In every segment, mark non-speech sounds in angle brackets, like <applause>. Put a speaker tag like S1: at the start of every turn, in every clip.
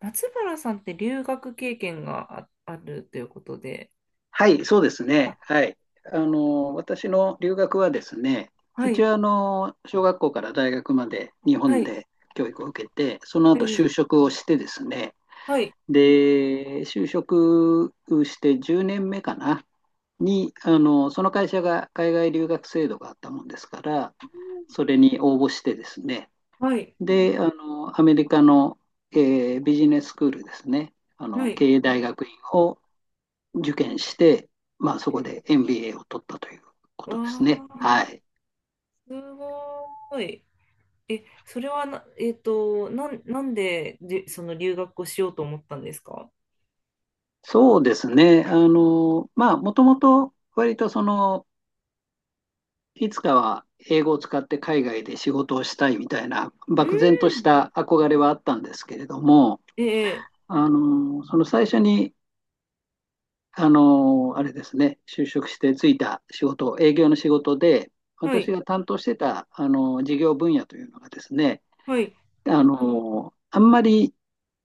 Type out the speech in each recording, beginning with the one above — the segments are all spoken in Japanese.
S1: 松原さんって留学経験があるということで。
S2: はい、そうです
S1: あ、
S2: ね。はい。私の留学はですね、
S1: は
S2: 一
S1: い、
S2: 応小学校から大学まで日
S1: は
S2: 本
S1: い、
S2: で教育を受けて、その
S1: え
S2: 後
S1: ー、
S2: 就職をしてですね、
S1: はい、
S2: で、就職して10年目かな、に、あの、その会社が海外留学制度があったもんですから、それに応募してですね、
S1: はい、
S2: で、アメリカの、ビジネススクールですね、
S1: はい。
S2: 経営大学院を受験して、まあ、そこ
S1: え
S2: で MBA を取ったというこ
S1: わ
S2: とですね。は
S1: ー、
S2: い。
S1: すごい。それはな、えっと、なん、なんでその留学をしようと思ったんですか？
S2: そうですね。まあ、もともと割とその、いつかは英語を使って海外で仕事をしたいみたいな、
S1: うー
S2: 漠然とし
S1: ん。
S2: た憧れはあったんですけれども、
S1: ええ、
S2: その最初に、あの、あれですね、就職してついた仕事、営業の仕事で、
S1: は
S2: 私
S1: い、
S2: が担当してた、事業分野というのがですね、
S1: はい、
S2: あんまり、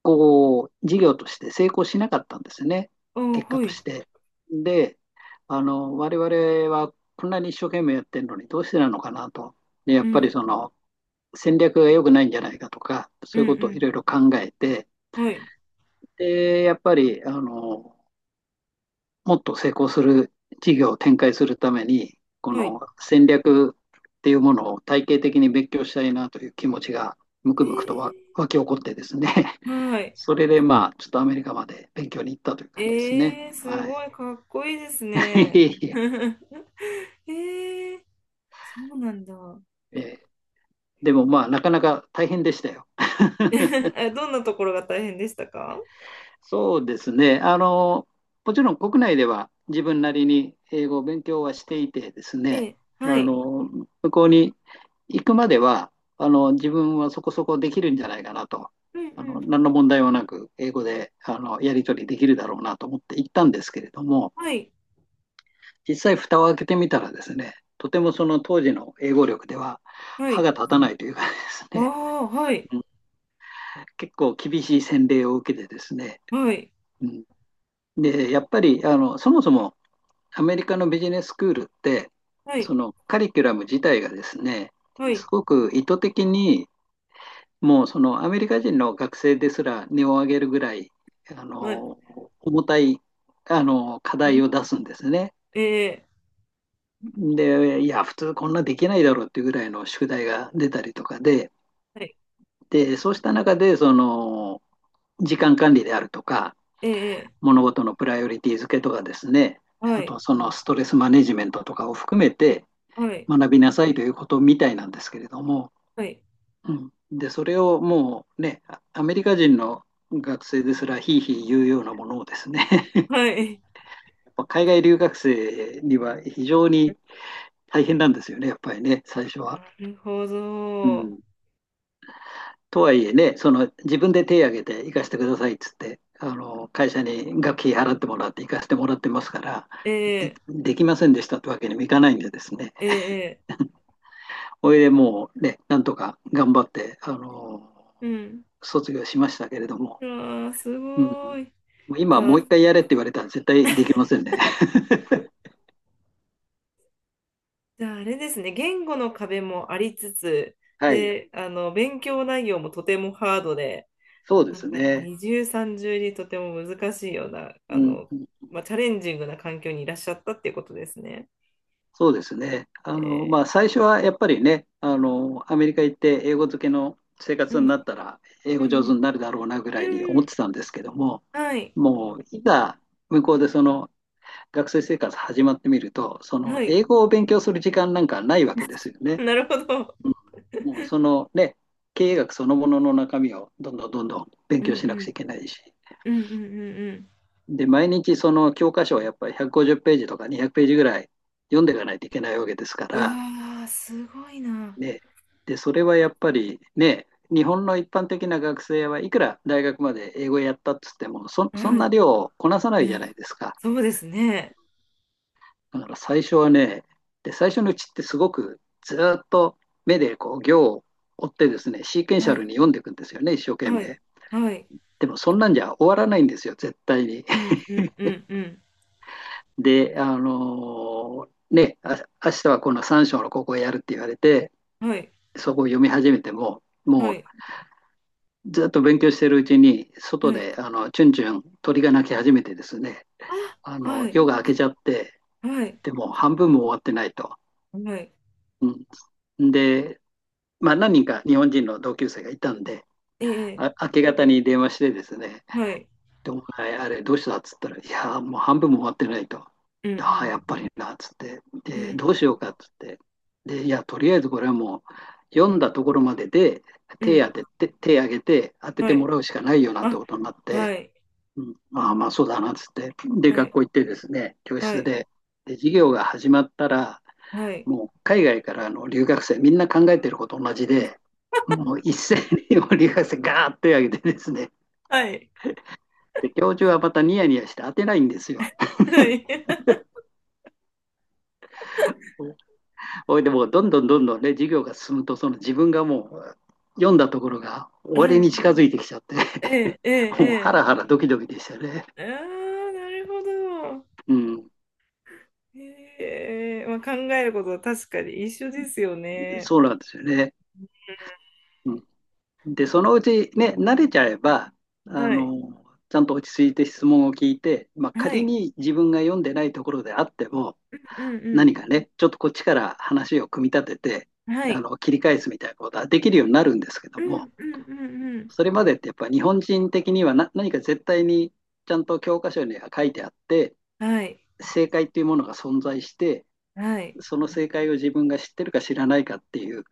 S2: こう、事業として成功しなかったんですよね。
S1: あー、
S2: 結果
S1: は
S2: と
S1: い、
S2: して。で、我々はこんなに一生懸命やってるのにどうしてなのかなと。で、や
S1: う
S2: っぱり
S1: ん、
S2: その、戦略が良くないんじゃないかとか、そ
S1: う
S2: うい
S1: ん、
S2: うことをい
S1: う
S2: ろいろ考えて、
S1: ん、はい、
S2: で、やっぱり、もっと成功する事業を展開するために、こ
S1: はい。
S2: の戦略っていうものを体系的に勉強したいなという気持ちがむくむくと
S1: え
S2: 湧き起こってですね。
S1: はい。
S2: それでまあ、ちょっとアメリカまで勉強に行ったという感じですね。
S1: す
S2: はい。
S1: ごいかっこいいですね。
S2: <laughs>
S1: <laughs> えー、そうなんだ。
S2: えでもまあ、なかなか大変でしたよ。
S1: <laughs> どんなところが大変でしたか？
S2: そうですね。もちろん国内では自分なりに英語を勉強はしていてです
S1: え
S2: ね、
S1: え、は
S2: あ
S1: い。
S2: の、向こうに行くまでは、自分はそこそこできるんじゃないかなと、
S1: うんうん。
S2: 何の問題もなく英語で、やり取りできるだろうなと思って行ったんですけれども、
S1: はい、
S2: 実際蓋を開けてみたらですね、とてもその当時の英語力では
S1: は
S2: 歯
S1: い。
S2: が立たないというかです
S1: あ
S2: ね、
S1: あ、はい、
S2: うん、結構厳しい洗礼を受けてですね、
S1: はい、
S2: うん、で、やっぱりそもそもアメリカのビジネススクールって、
S1: は
S2: そ
S1: い、
S2: のカリキュラム自体がですね、
S1: は
S2: す
S1: い、
S2: ごく意図的に、もうそのアメリカ人の学生ですら根を上げるぐらい、あ
S1: はい。
S2: の重たい課
S1: う
S2: 題
S1: ん、
S2: を出すんですね。
S1: ええ、
S2: で、いや、普通こんなできないだろうっていうぐらいの宿題が出たりとかで、
S1: はい、
S2: で、そうした中で、その、時間管理であるとか、
S1: ええ、
S2: 物事のプライオリティ付けとかですね、
S1: は
S2: あ
S1: い、
S2: とそのストレスマネジメントとかを含めて
S1: はい、
S2: 学びなさいということみたいなんですけれども、
S1: はい、
S2: うん、で、それをもうね、アメリカ人の学生ですらひいひい言うようなものをですね <laughs>、
S1: はい。
S2: 海外留学生には非常に
S1: <laughs>
S2: 大変なんですよね、やっぱりね、最初は。
S1: なるほ
S2: う
S1: ど。
S2: ん、とはいえね、その自分で手を挙げて行かせてくださいっつって、あの会社に学費払ってもらって行かせてもらってますから、
S1: え
S2: で、
S1: え、
S2: できませんでしたってわけにもいかないんでですね、
S1: ええ、
S2: おいでもうね、なんとか頑張って、
S1: うん。
S2: 卒業しましたけれども、
S1: ああ、す
S2: うん、
S1: ごい。
S2: もう
S1: じ
S2: 今
S1: ゃ
S2: もう
S1: あ、
S2: 一回やれって言われたら絶対できませんね。<laughs>
S1: じゃあ、あれですね、言語の壁もありつつ、
S2: はい、
S1: で、勉強内容もとてもハードで、
S2: そうで
S1: なん
S2: す
S1: か
S2: ね。
S1: 二重三重にとても難しいような、
S2: うんうん、
S1: まあ、チャレンジングな環境にいらっしゃったっていうことですね。
S2: そうですね。まあ、
S1: え
S2: 最初はやっぱりね、アメリカ行って英語漬けの生
S1: う
S2: 活にな
S1: ん、
S2: ったら、英
S1: う
S2: 語上手
S1: ん、
S2: になるだろうなぐ
S1: う
S2: ら
S1: ん、
S2: いに思
S1: う
S2: っ
S1: ん、
S2: てたんですけども、
S1: はい、
S2: もう、いざ向こうでその学生生活始まってみると、その
S1: はい。
S2: 英語を勉強する時間なんかないわけですよ
S1: <laughs>
S2: ね。
S1: なるほど。
S2: うん、もう、そのね、経営学そのものの中身をどんどんどんどん勉
S1: うん、
S2: 強
S1: うん、
S2: しなくちゃいけないし、
S1: うん、うん、うん
S2: で、毎日その教科書をやっぱり150ページとか200ページぐらい読んでいかないといけないわけですか
S1: うん。う
S2: ら、
S1: わー、すごいな。
S2: ね、で、それはやっぱりね、日本の一般的な学生はいくら大学まで英語やったっつっても、そん
S1: は
S2: な
S1: い、
S2: 量をこなさない
S1: う
S2: じゃ
S1: ん、
S2: ないですか。
S1: そうですね。
S2: だから最初はね、で、最初のうちってすごくずーっと目でこう行を追ってですね、シーケンシャ
S1: はい、
S2: ルに読んでいくんですよね、一生懸
S1: は
S2: 命。
S1: い、はい。
S2: でもそんなんじゃ終わらないんですよ、絶対に。
S1: うん、
S2: <laughs>
S1: うん、うん、う
S2: で、ね、あ、明日はこの3章のここをやるって言われて、
S1: ん。はい。
S2: そこを読み始めても、
S1: は
S2: もう
S1: い
S2: ずっと勉強しているうちに、外
S1: はい。
S2: であのチュンチュン鳥が鳴き始めてですね、
S1: あ、
S2: あの
S1: はい、
S2: 夜が明けちゃって、
S1: はい、
S2: でも半分も終わってないと。
S1: はい。
S2: うん、で、まあ、何人か日本人の同級生がいたんで、
S1: ええ、
S2: あ、明け方に電話してですね、
S1: はい。
S2: でお前、あれどうしたっつったら、いやもう半分も終わってないと。
S1: う
S2: ああ、
S1: ん、
S2: やっぱりなっつって、
S1: うん、う
S2: で、
S1: ん、
S2: どうしようかっつって、で、いや、とりあえずこれはもう、読んだところまでで
S1: う
S2: 手当
S1: ん。
S2: てて、手挙げて当て
S1: は
S2: ても
S1: い。
S2: らうしかないよなって
S1: あ、
S2: ことになっ
S1: は
S2: て、
S1: い、
S2: うん、ああ、まあそうだな、つって。で、
S1: はい、
S2: 学校行ってですね、教
S1: は
S2: 室
S1: い、
S2: で、で、授業が始まったら、
S1: はい、
S2: もう海外からの留学生、みんな考えてること同じで、もう一斉にもう留学生ガーッと手を挙げてですね、
S1: はい、
S2: で、教授はまたニヤニヤして当てないんですよ。
S1: はい。
S2: おいでもうどんどんどんどんね、授業が進むと、その自分がもう読んだところが終
S1: は
S2: わり
S1: い。
S2: に近づいてきちゃって、
S1: ええ、
S2: <laughs> も
S1: え
S2: うハ
S1: え、
S2: ラハラドキドキでしたね。
S1: ええ。ああ、なるほど。
S2: うん、
S1: ええ、まあ、考えることは確かに一緒ですよね。
S2: そうなんですよね。うん、で、そのうちね、慣れちゃえば、あ
S1: はい、
S2: の、ちゃんと落ち着いて質問を聞いて、まあ、
S1: は
S2: 仮
S1: い、
S2: に自分が読んでないところであっても、
S1: うん、
S2: 何かね、ちょっとこっちから話を組み立てて、
S1: うん、はい、
S2: 切り返すみたいなことはできるようになるんですけど
S1: う
S2: も、
S1: ん、うん、うん、うん。
S2: それまでってやっぱ日本人的には何か絶対にちゃんと教科書には書いてあって、
S1: はい、
S2: 正解っていうものが存在して、
S1: はい、
S2: その正解を自分が知ってるか知らないかっていう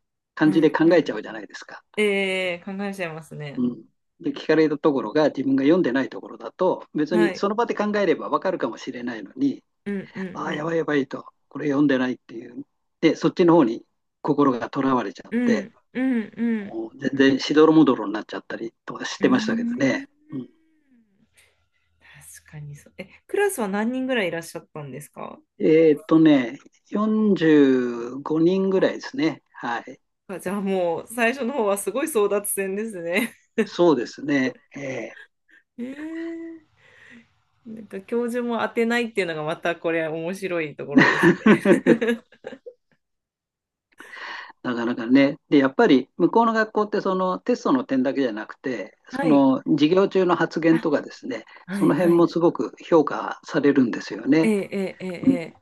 S1: う
S2: 感
S1: ん、
S2: じで考
S1: う
S2: え
S1: ん。
S2: ちゃうじゃないですか。
S1: ええ、考えちゃいます
S2: う
S1: ね。
S2: ん、で、聞かれたところが自分が読んでないところだと、別
S1: は
S2: に
S1: い、
S2: その場で考えればわかるかもしれないのに、
S1: うん、うん、う
S2: ああ、や
S1: ん。
S2: ばいやばいと、これ読んでないっていう。で、そっちの方に心がとらわれちゃっ
S1: う
S2: て、
S1: んうんうん
S2: もう全然しどろもどろになっちゃったりとかし
S1: うー
S2: てましたけど
S1: ん
S2: ね。うん、
S1: 確かにそう。クラスは何人ぐらいいらっしゃったんですか？
S2: えーっとね、45人ぐらいですね。はい。
S1: あ、じゃあもう最初の方はすごい争奪戦ですね。
S2: そうですね。ええ。
S1: <laughs> えー、なんか教授も当てないっていうのがまたこれ面白いところですね。
S2: <laughs> なかなかね。で、やっぱり向こうの学校ってそのテストの点だけじゃなくて、
S1: <laughs> は
S2: そ
S1: い。
S2: の授業中の発言
S1: あ、
S2: とかですね、
S1: は
S2: そ
S1: い
S2: の
S1: は
S2: 辺
S1: い。
S2: もすごく評価されるんですよ
S1: え
S2: ね。
S1: えええええ、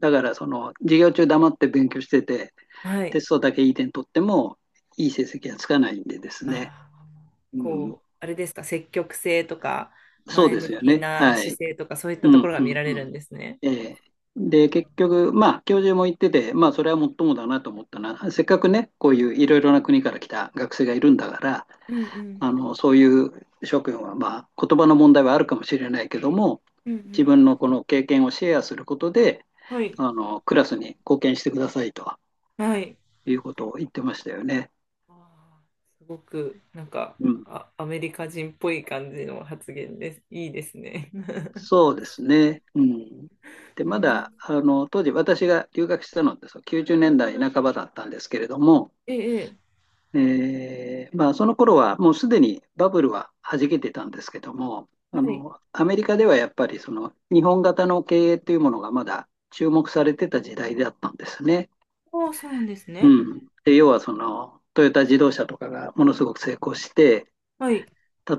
S2: だからその授業中黙って勉強してて、
S1: は
S2: テ
S1: い。
S2: ストだけいい点取ってもいい成績はつかないんでですね。
S1: あー、
S2: うん、
S1: こう、あれですか、積極性とか
S2: そう
S1: 前
S2: です
S1: 向
S2: よ
S1: き
S2: ね。
S1: な
S2: は
S1: 姿
S2: い。
S1: 勢とかそういった
S2: う
S1: とこ
S2: ん
S1: ろが
S2: う
S1: 見
S2: ん
S1: られ
S2: う
S1: るん
S2: ん。
S1: ですね。
S2: ええ、
S1: うん
S2: で、結局、まあ、教授も言ってて、まあ、それはもっともだなと思ったな。せっかくね、こういういろいろな国から来た学生がいるんだから、
S1: うんうん
S2: あのそういう諸君は、まあ、言葉の問題はあるかもしれないけども、
S1: うんう
S2: 自
S1: ん。
S2: 分のこの経験をシェアすることで
S1: はい。
S2: あのクラスに貢献してくださいと
S1: はい。
S2: いうことを言ってましたよね。
S1: あーすごく、なんか、
S2: うん、
S1: あ、アメリカ人っぽい感じの発言です。いいですね。<laughs>
S2: そうですね、うん、で、
S1: う
S2: ま
S1: ん。
S2: だあの当時私が留学したのって、そう、90年代半ばだったんですけれども、
S1: <laughs> ええ、ええ、
S2: まあ、その頃はもうすでにバブルは弾けてたんですけども、
S1: は
S2: あ
S1: い。
S2: のアメリカではやっぱりその日本型の経営というものがまだ注目されてた時代だったんですね。
S1: ああ、そうなんです
S2: う
S1: ね。
S2: ん、で要はそのトヨタ自動車とかがものすごく成功して、
S1: はい。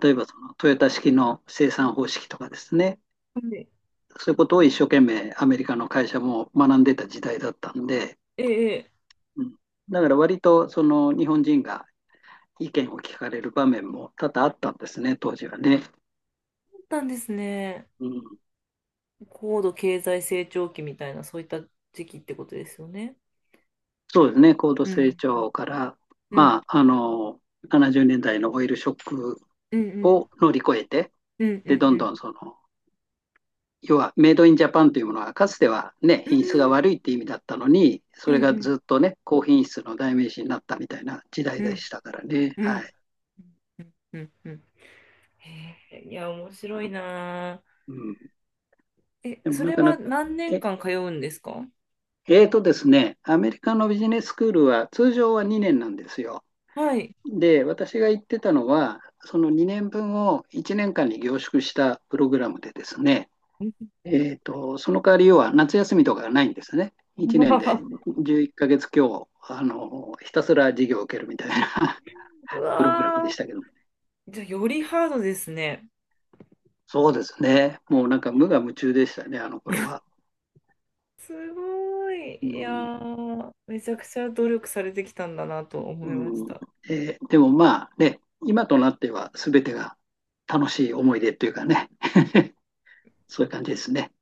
S2: 例えばそのトヨタ式の生産方式とかですね、
S1: はい、
S2: そういうことを一生懸命アメリカの会社も学んでた時代だったんで、
S1: ええ、ええ、
S2: うん、だから割とその日本人が意見を聞かれる場面も多々あったんですね、当時はね。
S1: そうったんですね。
S2: うん、
S1: 高度経済成長期みたいな、そういった時期ってことですよね。
S2: そうですね、高度
S1: う
S2: 成
S1: ん。
S2: 長から、
S1: う
S2: ま
S1: ん。
S2: あ、70年代のオイルショック
S1: うん。うん。
S2: を乗り越えて、
S1: うん。う
S2: で、どんど
S1: ん。
S2: んその、要はメイドインジャパンというものはかつてはね、
S1: う
S2: 品
S1: ん。
S2: 質が悪いって意味だったのに、そ
S1: う
S2: れが
S1: ん。
S2: ずっとね、高品質の代名詞になったみたいな時代
S1: う
S2: で
S1: ん。
S2: したからね。
S1: うん。うん。う
S2: は
S1: ん。
S2: い。
S1: うん。うん。へえ、いや、面白いなあ。
S2: うん。でも
S1: そ
S2: な
S1: れ
S2: かな
S1: は
S2: か、
S1: 何年
S2: え、
S1: 間通うんですか？
S2: えーとですね、アメリカのビジネススクールは通常は2年なんですよ。
S1: はい。
S2: で、私が言ってたのは、その2年分を1年間に凝縮したプログラムでですね、その代わり要は夏休みとかがないんですね。1年で
S1: <laughs>
S2: 11ヶ月強、ひたすら授業を受けるみたいな
S1: う
S2: <laughs> プログラムで
S1: わ
S2: した
S1: ー。
S2: けども、ね。
S1: じゃあ、よりハードですね。
S2: そうですね。もうなんか無我夢中でしたね、あの頃は。
S1: すごい。
S2: う
S1: いや
S2: ん
S1: ー、めちゃくちゃ努力されてきたんだなと思いまし
S2: うん、
S1: た。
S2: でもまあね、今となっては全てが楽しい思い出というかね、<laughs> そういう感じですね。